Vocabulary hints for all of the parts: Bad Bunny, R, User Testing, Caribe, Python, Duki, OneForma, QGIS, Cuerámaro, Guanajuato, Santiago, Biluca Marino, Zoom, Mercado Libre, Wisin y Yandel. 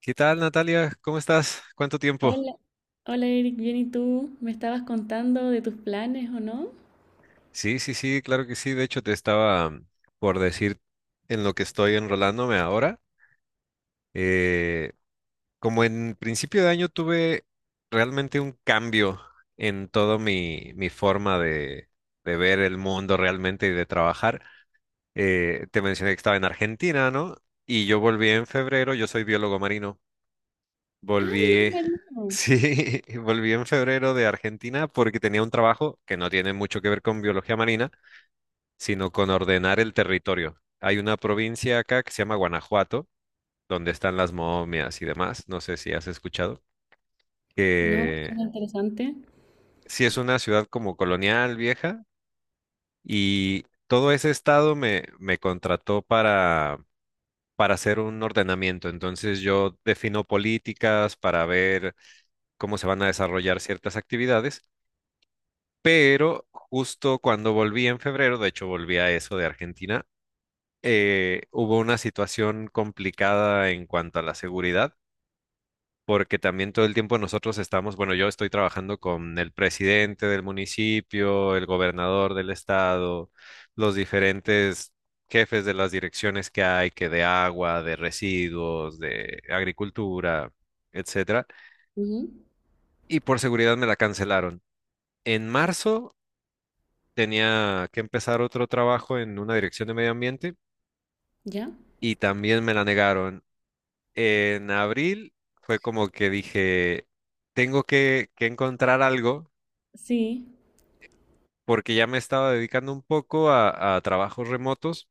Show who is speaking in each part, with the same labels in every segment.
Speaker 1: ¿Qué tal, Natalia? ¿Cómo estás? ¿Cuánto tiempo?
Speaker 2: Hola, hola Eric, bien ¿y tú? Me estabas contando de tus planes, ¿o no?
Speaker 1: Sí, sí, sí, claro que sí. De hecho, te estaba por decir en lo que estoy enrolándome ahora. Eh, Como en principio de año tuve realmente un cambio en todo mi forma de ver el mundo realmente y de trabajar. Te mencioné que estaba en Argentina, ¿no? Y yo volví en febrero, yo soy biólogo marino.
Speaker 2: Ah, Biluca
Speaker 1: Volví,
Speaker 2: Marino.
Speaker 1: sí, volví en febrero de Argentina porque tenía un trabajo que no tiene mucho que ver con biología marina, sino con ordenar el territorio. Hay una provincia acá que se llama Guanajuato, donde están las momias y demás, no sé si has escuchado,
Speaker 2: No,
Speaker 1: que
Speaker 2: suena interesante.
Speaker 1: sí es una ciudad como colonial vieja y todo ese estado me contrató para hacer un ordenamiento. Entonces yo defino políticas para ver cómo se van a desarrollar ciertas actividades. Pero justo cuando volví en febrero, de hecho volví a eso de Argentina, hubo una situación complicada en cuanto a la seguridad, porque también todo el tiempo nosotros estamos, bueno, yo estoy trabajando con el presidente del municipio, el gobernador del estado, los diferentes jefes de las direcciones que hay, que de agua, de residuos, de agricultura, etcétera,
Speaker 2: Ujú.
Speaker 1: y por seguridad me la cancelaron. En marzo tenía que empezar otro trabajo en una dirección de medio ambiente
Speaker 2: ¿Ya?
Speaker 1: y también me la negaron. En abril fue como que dije, tengo que encontrar algo
Speaker 2: Sí.
Speaker 1: porque ya me estaba dedicando un poco a trabajos remotos,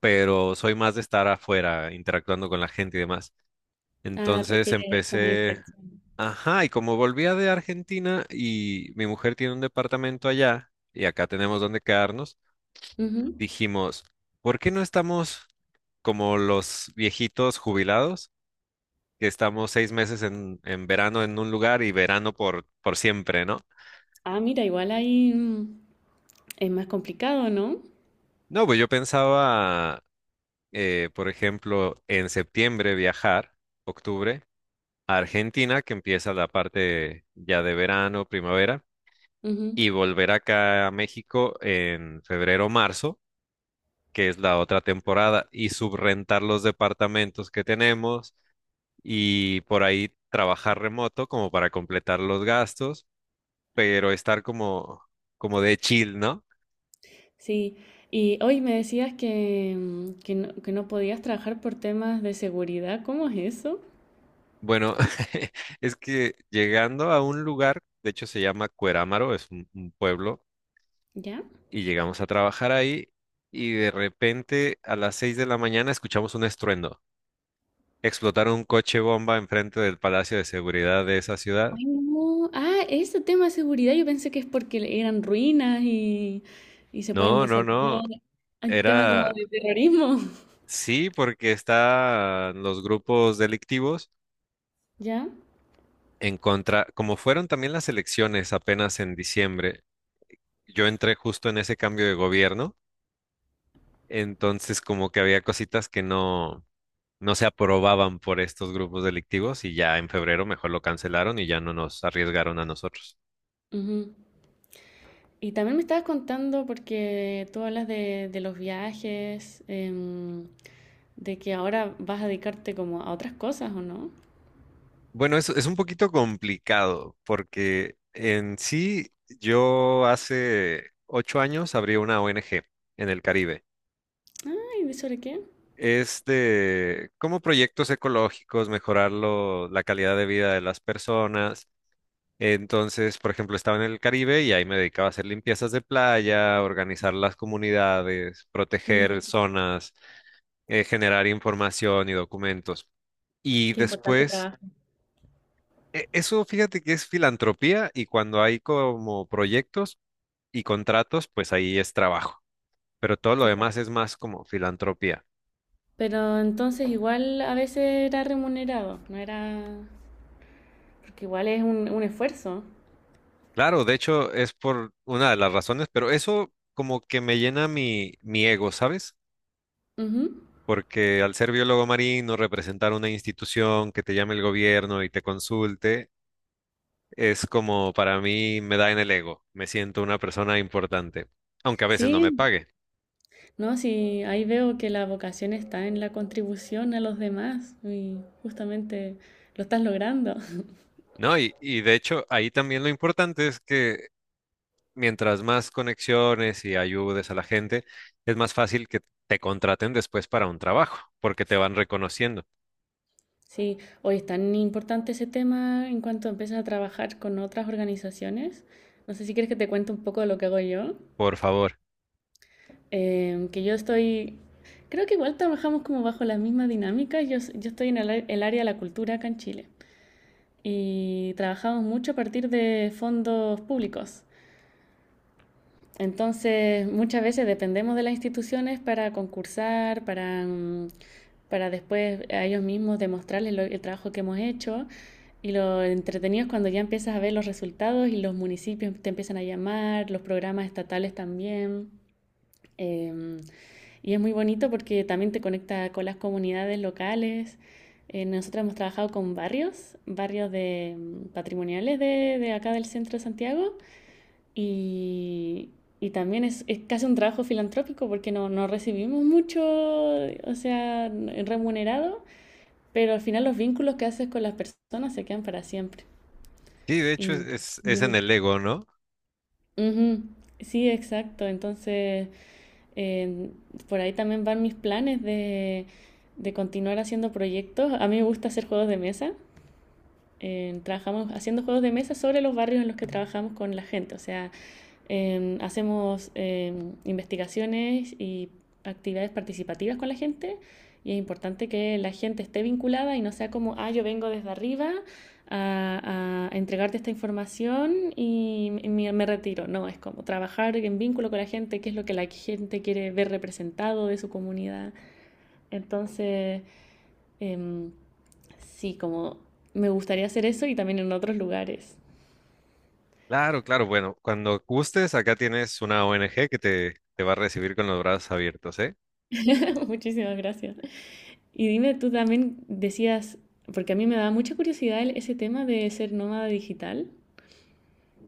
Speaker 1: pero soy más de estar afuera, interactuando con la gente y demás.
Speaker 2: Ah,
Speaker 1: Entonces
Speaker 2: prefieres eso, más
Speaker 1: empecé,
Speaker 2: interacción.
Speaker 1: ajá, y como volvía de Argentina y mi mujer tiene un departamento allá y acá tenemos donde quedarnos.
Speaker 2: Ujú.
Speaker 1: Dijimos, ¿por qué no estamos como los viejitos jubilados, que estamos 6 meses en verano en un lugar y verano por siempre, ¿no?
Speaker 2: Ah, mira, igual ahí es más complicado, ¿no?
Speaker 1: No, pues yo pensaba, por ejemplo, en septiembre viajar, octubre, a Argentina, que empieza la parte ya de verano, primavera,
Speaker 2: Ujú.
Speaker 1: y volver acá a México en febrero, marzo, que es la otra temporada, y subrentar los departamentos que tenemos y por ahí trabajar remoto como para completar los gastos, pero estar como, como de chill, ¿no?
Speaker 2: Sí. Y hoy me decías que no podías trabajar por temas de seguridad. ¿Cómo es eso?
Speaker 1: Bueno, es que llegando a un lugar, de hecho se llama Cuerámaro, es un pueblo,
Speaker 2: ¿Ya?
Speaker 1: y llegamos a trabajar ahí y de repente a las 6 de la mañana escuchamos un estruendo. Explotaron un coche bomba enfrente del Palacio de Seguridad de esa ciudad.
Speaker 2: Ay, no. Ah, ese tema de seguridad yo pensé que es porque eran ruinas y se pueden
Speaker 1: No, no,
Speaker 2: desarmar.
Speaker 1: no,
Speaker 2: El tema como
Speaker 1: era...
Speaker 2: de terrorismo.
Speaker 1: Sí, porque están los grupos delictivos.
Speaker 2: Ya.
Speaker 1: En contra, como fueron también las elecciones apenas en diciembre, yo entré justo en ese cambio de gobierno, entonces como que había cositas que no se aprobaban por estos grupos delictivos y ya en febrero mejor lo cancelaron y ya no nos arriesgaron a nosotros.
Speaker 2: Ujú. Y también me estabas contando, porque tú hablas de los viajes, de que ahora vas a dedicarte como a otras cosas, ¿o no?
Speaker 1: Bueno, es un poquito complicado porque en sí yo hace 8 años abrí una ONG en el Caribe.
Speaker 2: Ay, ¿de sobre qué?
Speaker 1: Es de como proyectos ecológicos, mejorar la calidad de vida de las personas. Entonces, por ejemplo, estaba en el Caribe y ahí me dedicaba a hacer limpiezas de playa, organizar las comunidades,
Speaker 2: Mira,
Speaker 1: proteger zonas, generar información y documentos. Y
Speaker 2: qué importante
Speaker 1: después,
Speaker 2: trabajo.
Speaker 1: eso fíjate que es filantropía y cuando hay como proyectos y contratos, pues ahí es trabajo. Pero todo lo
Speaker 2: Ya.
Speaker 1: demás es más como filantropía.
Speaker 2: Pero entonces igual a veces era remunerado, no era... Porque igual es un esfuerzo.
Speaker 1: Claro, de hecho es por una de las razones, pero eso como que me llena mi ego, ¿sabes?
Speaker 2: Ujú.
Speaker 1: Porque al ser biólogo marino, representar una institución que te llame el gobierno y te consulte, es como para mí me da en el ego, me siento una persona importante, aunque a veces no me
Speaker 2: Sí,
Speaker 1: pague,
Speaker 2: no, sí, ahí veo que la vocación está en la contribución a los demás y justamente lo estás logrando.
Speaker 1: ¿no? Y de hecho ahí también lo importante es que mientras más conexiones y ayudes a la gente, es más fácil que te contraten después para un trabajo, porque te van reconociendo,
Speaker 2: Sí, hoy es tan importante ese tema en cuanto empiezas a trabajar con otras organizaciones. No sé si quieres que te cuente un poco de lo que hago yo.
Speaker 1: por favor.
Speaker 2: Que yo estoy, creo que igual trabajamos como bajo la misma dinámica. Yo estoy en el área de la cultura acá en Chile y trabajamos mucho a partir de fondos públicos. Entonces, muchas veces dependemos de las instituciones para concursar, para después a ellos mismos demostrarles el trabajo que hemos hecho. Y lo entretenido es cuando ya empiezas a ver los resultados y los municipios te empiezan a llamar, los programas estatales también. Em, y es muy bonito porque también te conecta con las comunidades locales. Nosotros hemos trabajado con barrios, patrimoniales de acá del centro de Santiago. Y y también es casi un trabajo filantrópico porque no recibimos mucho, o sea, remunerado, pero al final los vínculos que haces con las personas se quedan para siempre.
Speaker 1: Sí, de hecho es,
Speaker 2: Y,
Speaker 1: es- es en
Speaker 2: ujú.
Speaker 1: el Lego, ¿no?
Speaker 2: Ujú, sí, exacto. Entonces, eh, por ahí también van mis planes de continuar haciendo proyectos. A mí me gusta hacer juegos de mesa. Trabajamos haciendo juegos de mesa sobre los barrios en los que trabajamos con la gente. O sea, hacemos investigaciones y actividades participativas con la gente, y es importante que la gente esté vinculada y no sea como, ah, yo vengo desde arriba a entregarte esta información y me retiro. No, es como trabajar en vínculo con la gente, qué es lo que la gente quiere ver representado de su comunidad. Entonces, eh, sí, como me gustaría hacer eso y también en otros lugares.
Speaker 1: Claro, claro. Bueno, cuando gustes, acá tienes una ONG que te va a recibir con los brazos abiertos, ¿eh?
Speaker 2: Muchísimas gracias. Y dime, tú también decías, porque a mí me da mucha curiosidad ese tema de ser nómada digital.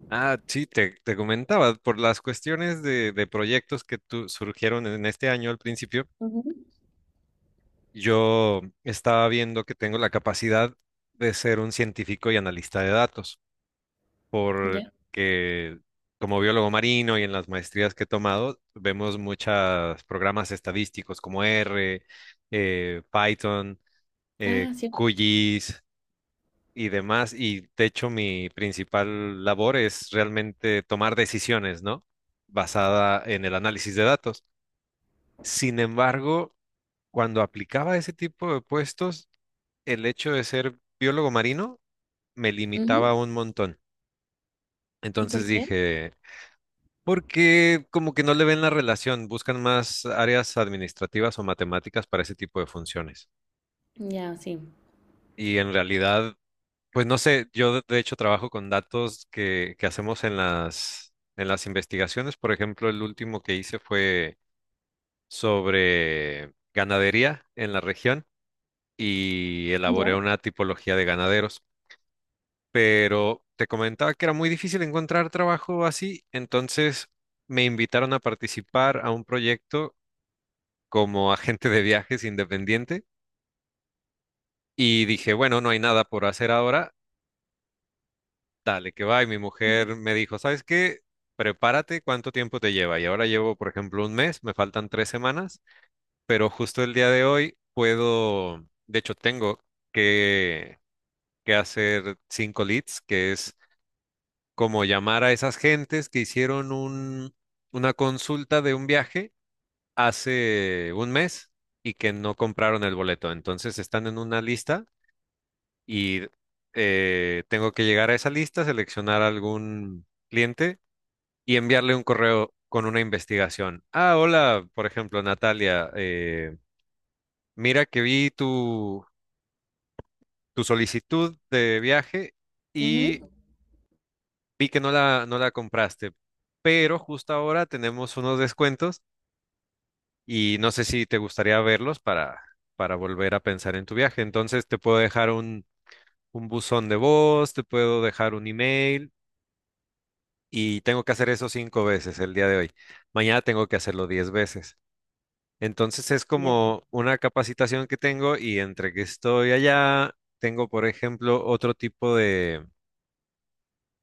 Speaker 1: Ah, sí, te comentaba, por las cuestiones de proyectos que surgieron en este año al principio,
Speaker 2: Ujú.
Speaker 1: yo estaba viendo que tengo la capacidad de ser un científico y analista de datos,
Speaker 2: Ya.
Speaker 1: porque como biólogo marino y en las maestrías que he tomado, vemos muchos programas estadísticos como R, Python.
Speaker 2: Ah, sí.
Speaker 1: QGIS y demás. Y de hecho, mi principal labor es realmente tomar decisiones, ¿no? Basada en el análisis de datos. Sin embargo, cuando aplicaba ese tipo de puestos, el hecho de ser biólogo marino me limitaba
Speaker 2: Ujú.
Speaker 1: un montón.
Speaker 2: ¿Y por
Speaker 1: Entonces
Speaker 2: qué?
Speaker 1: dije, porque como que no le ven la relación, buscan más áreas administrativas o matemáticas para ese tipo de funciones.
Speaker 2: Ya, sí.
Speaker 1: Y en realidad, pues no sé, yo de hecho trabajo con datos que hacemos en las investigaciones. Por ejemplo, el último que hice fue sobre ganadería en la región y elaboré
Speaker 2: Ya.
Speaker 1: una tipología de ganaderos. Pero te comentaba que era muy difícil encontrar trabajo así, entonces me invitaron a participar a un proyecto como agente de viajes independiente y dije, bueno, no hay nada por hacer ahora. Dale, que va. Y mi
Speaker 2: Ujú.
Speaker 1: mujer me dijo, ¿sabes qué? Prepárate, ¿cuánto tiempo te lleva? Y ahora llevo, por ejemplo, un mes, me faltan 3 semanas, pero justo el día de hoy puedo, de hecho, tengo que, que hacer cinco leads, que es como llamar a esas gentes que hicieron una consulta de un viaje hace un mes y que no compraron el boleto. Entonces están en una lista y tengo que llegar a esa lista, seleccionar algún cliente y enviarle un correo con una investigación. Ah, hola, por ejemplo, Natalia, mira que vi tu solicitud de viaje y
Speaker 2: Ujú.
Speaker 1: vi que no la compraste, pero justo ahora tenemos unos descuentos y no sé si te gustaría verlos para volver a pensar en tu viaje. Entonces te puedo dejar un buzón de voz, te puedo dejar un email. Y tengo que hacer eso cinco veces el día de hoy. Mañana tengo que hacerlo 10 veces. Entonces es
Speaker 2: Ya.
Speaker 1: como una capacitación que tengo y entre que estoy allá, tengo, por ejemplo, otro tipo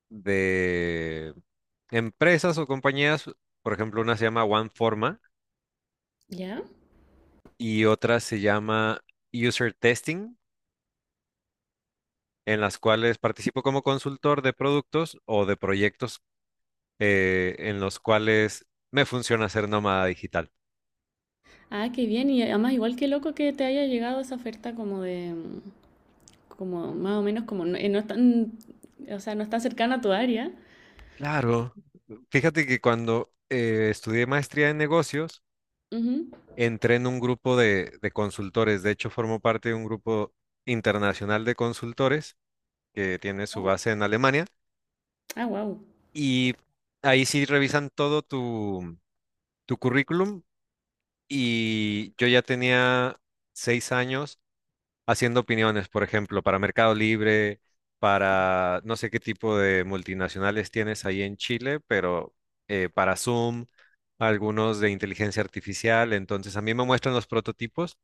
Speaker 1: de empresas o compañías. Por ejemplo, una se llama OneForma
Speaker 2: Ya.
Speaker 1: y otra se llama User Testing, en las cuales participo como consultor de productos o de proyectos en los cuales me funciona ser nómada digital.
Speaker 2: Ah, qué bien. Y además, igual que loco que te haya llegado esa oferta como de, como más o menos como no, no es tan, o sea, no es tan cercana a tu área.
Speaker 1: Claro. Fíjate que cuando estudié maestría en negocios,
Speaker 2: Ujú.
Speaker 1: entré en un grupo de consultores. De hecho, formo parte de un grupo internacional de consultores que tiene su base en Alemania.
Speaker 2: Ah, wow.
Speaker 1: Y ahí sí revisan todo tu currículum. Y yo ya tenía 6 años haciendo opiniones, por ejemplo, para Mercado Libre, para no sé qué tipo de multinacionales tienes ahí en Chile, pero para Zoom, algunos de inteligencia artificial. Entonces, a mí me muestran los prototipos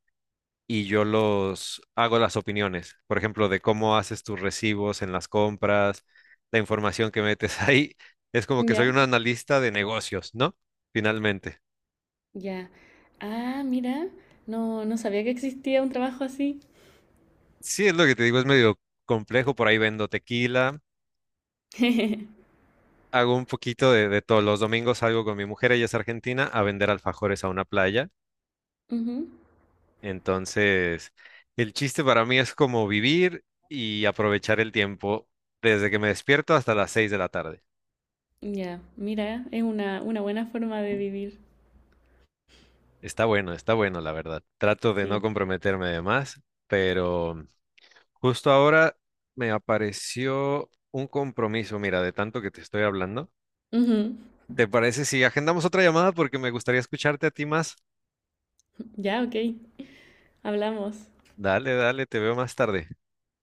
Speaker 1: y yo los hago las opiniones, por ejemplo, de cómo haces tus recibos en las compras, la información que metes ahí. Es como que
Speaker 2: Ya.
Speaker 1: soy un analista de negocios, ¿no? Finalmente.
Speaker 2: Ya. Ah, mira. No, no sabía que existía un trabajo así.
Speaker 1: Sí, es lo que te digo, es medio complejo, por ahí vendo tequila, hago un poquito de todo. Los domingos salgo con mi mujer, ella es argentina, a vender alfajores a una playa.
Speaker 2: Ujú.
Speaker 1: Entonces, el chiste para mí es como vivir y aprovechar el tiempo desde que me despierto hasta las 6 de la tarde.
Speaker 2: Ya, mira, es una buena forma de vivir.
Speaker 1: Está bueno, la verdad. Trato de no
Speaker 2: Sí.
Speaker 1: comprometerme de más, pero justo ahora me apareció un compromiso, mira, de tanto que te estoy hablando.
Speaker 2: Ujú.
Speaker 1: ¿Te parece si agendamos otra llamada? Porque me gustaría escucharte a ti más.
Speaker 2: Ya, ok. Hablamos.
Speaker 1: Dale, dale, te veo más tarde.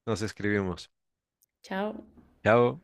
Speaker 1: Nos escribimos.
Speaker 2: Chao.
Speaker 1: Chao.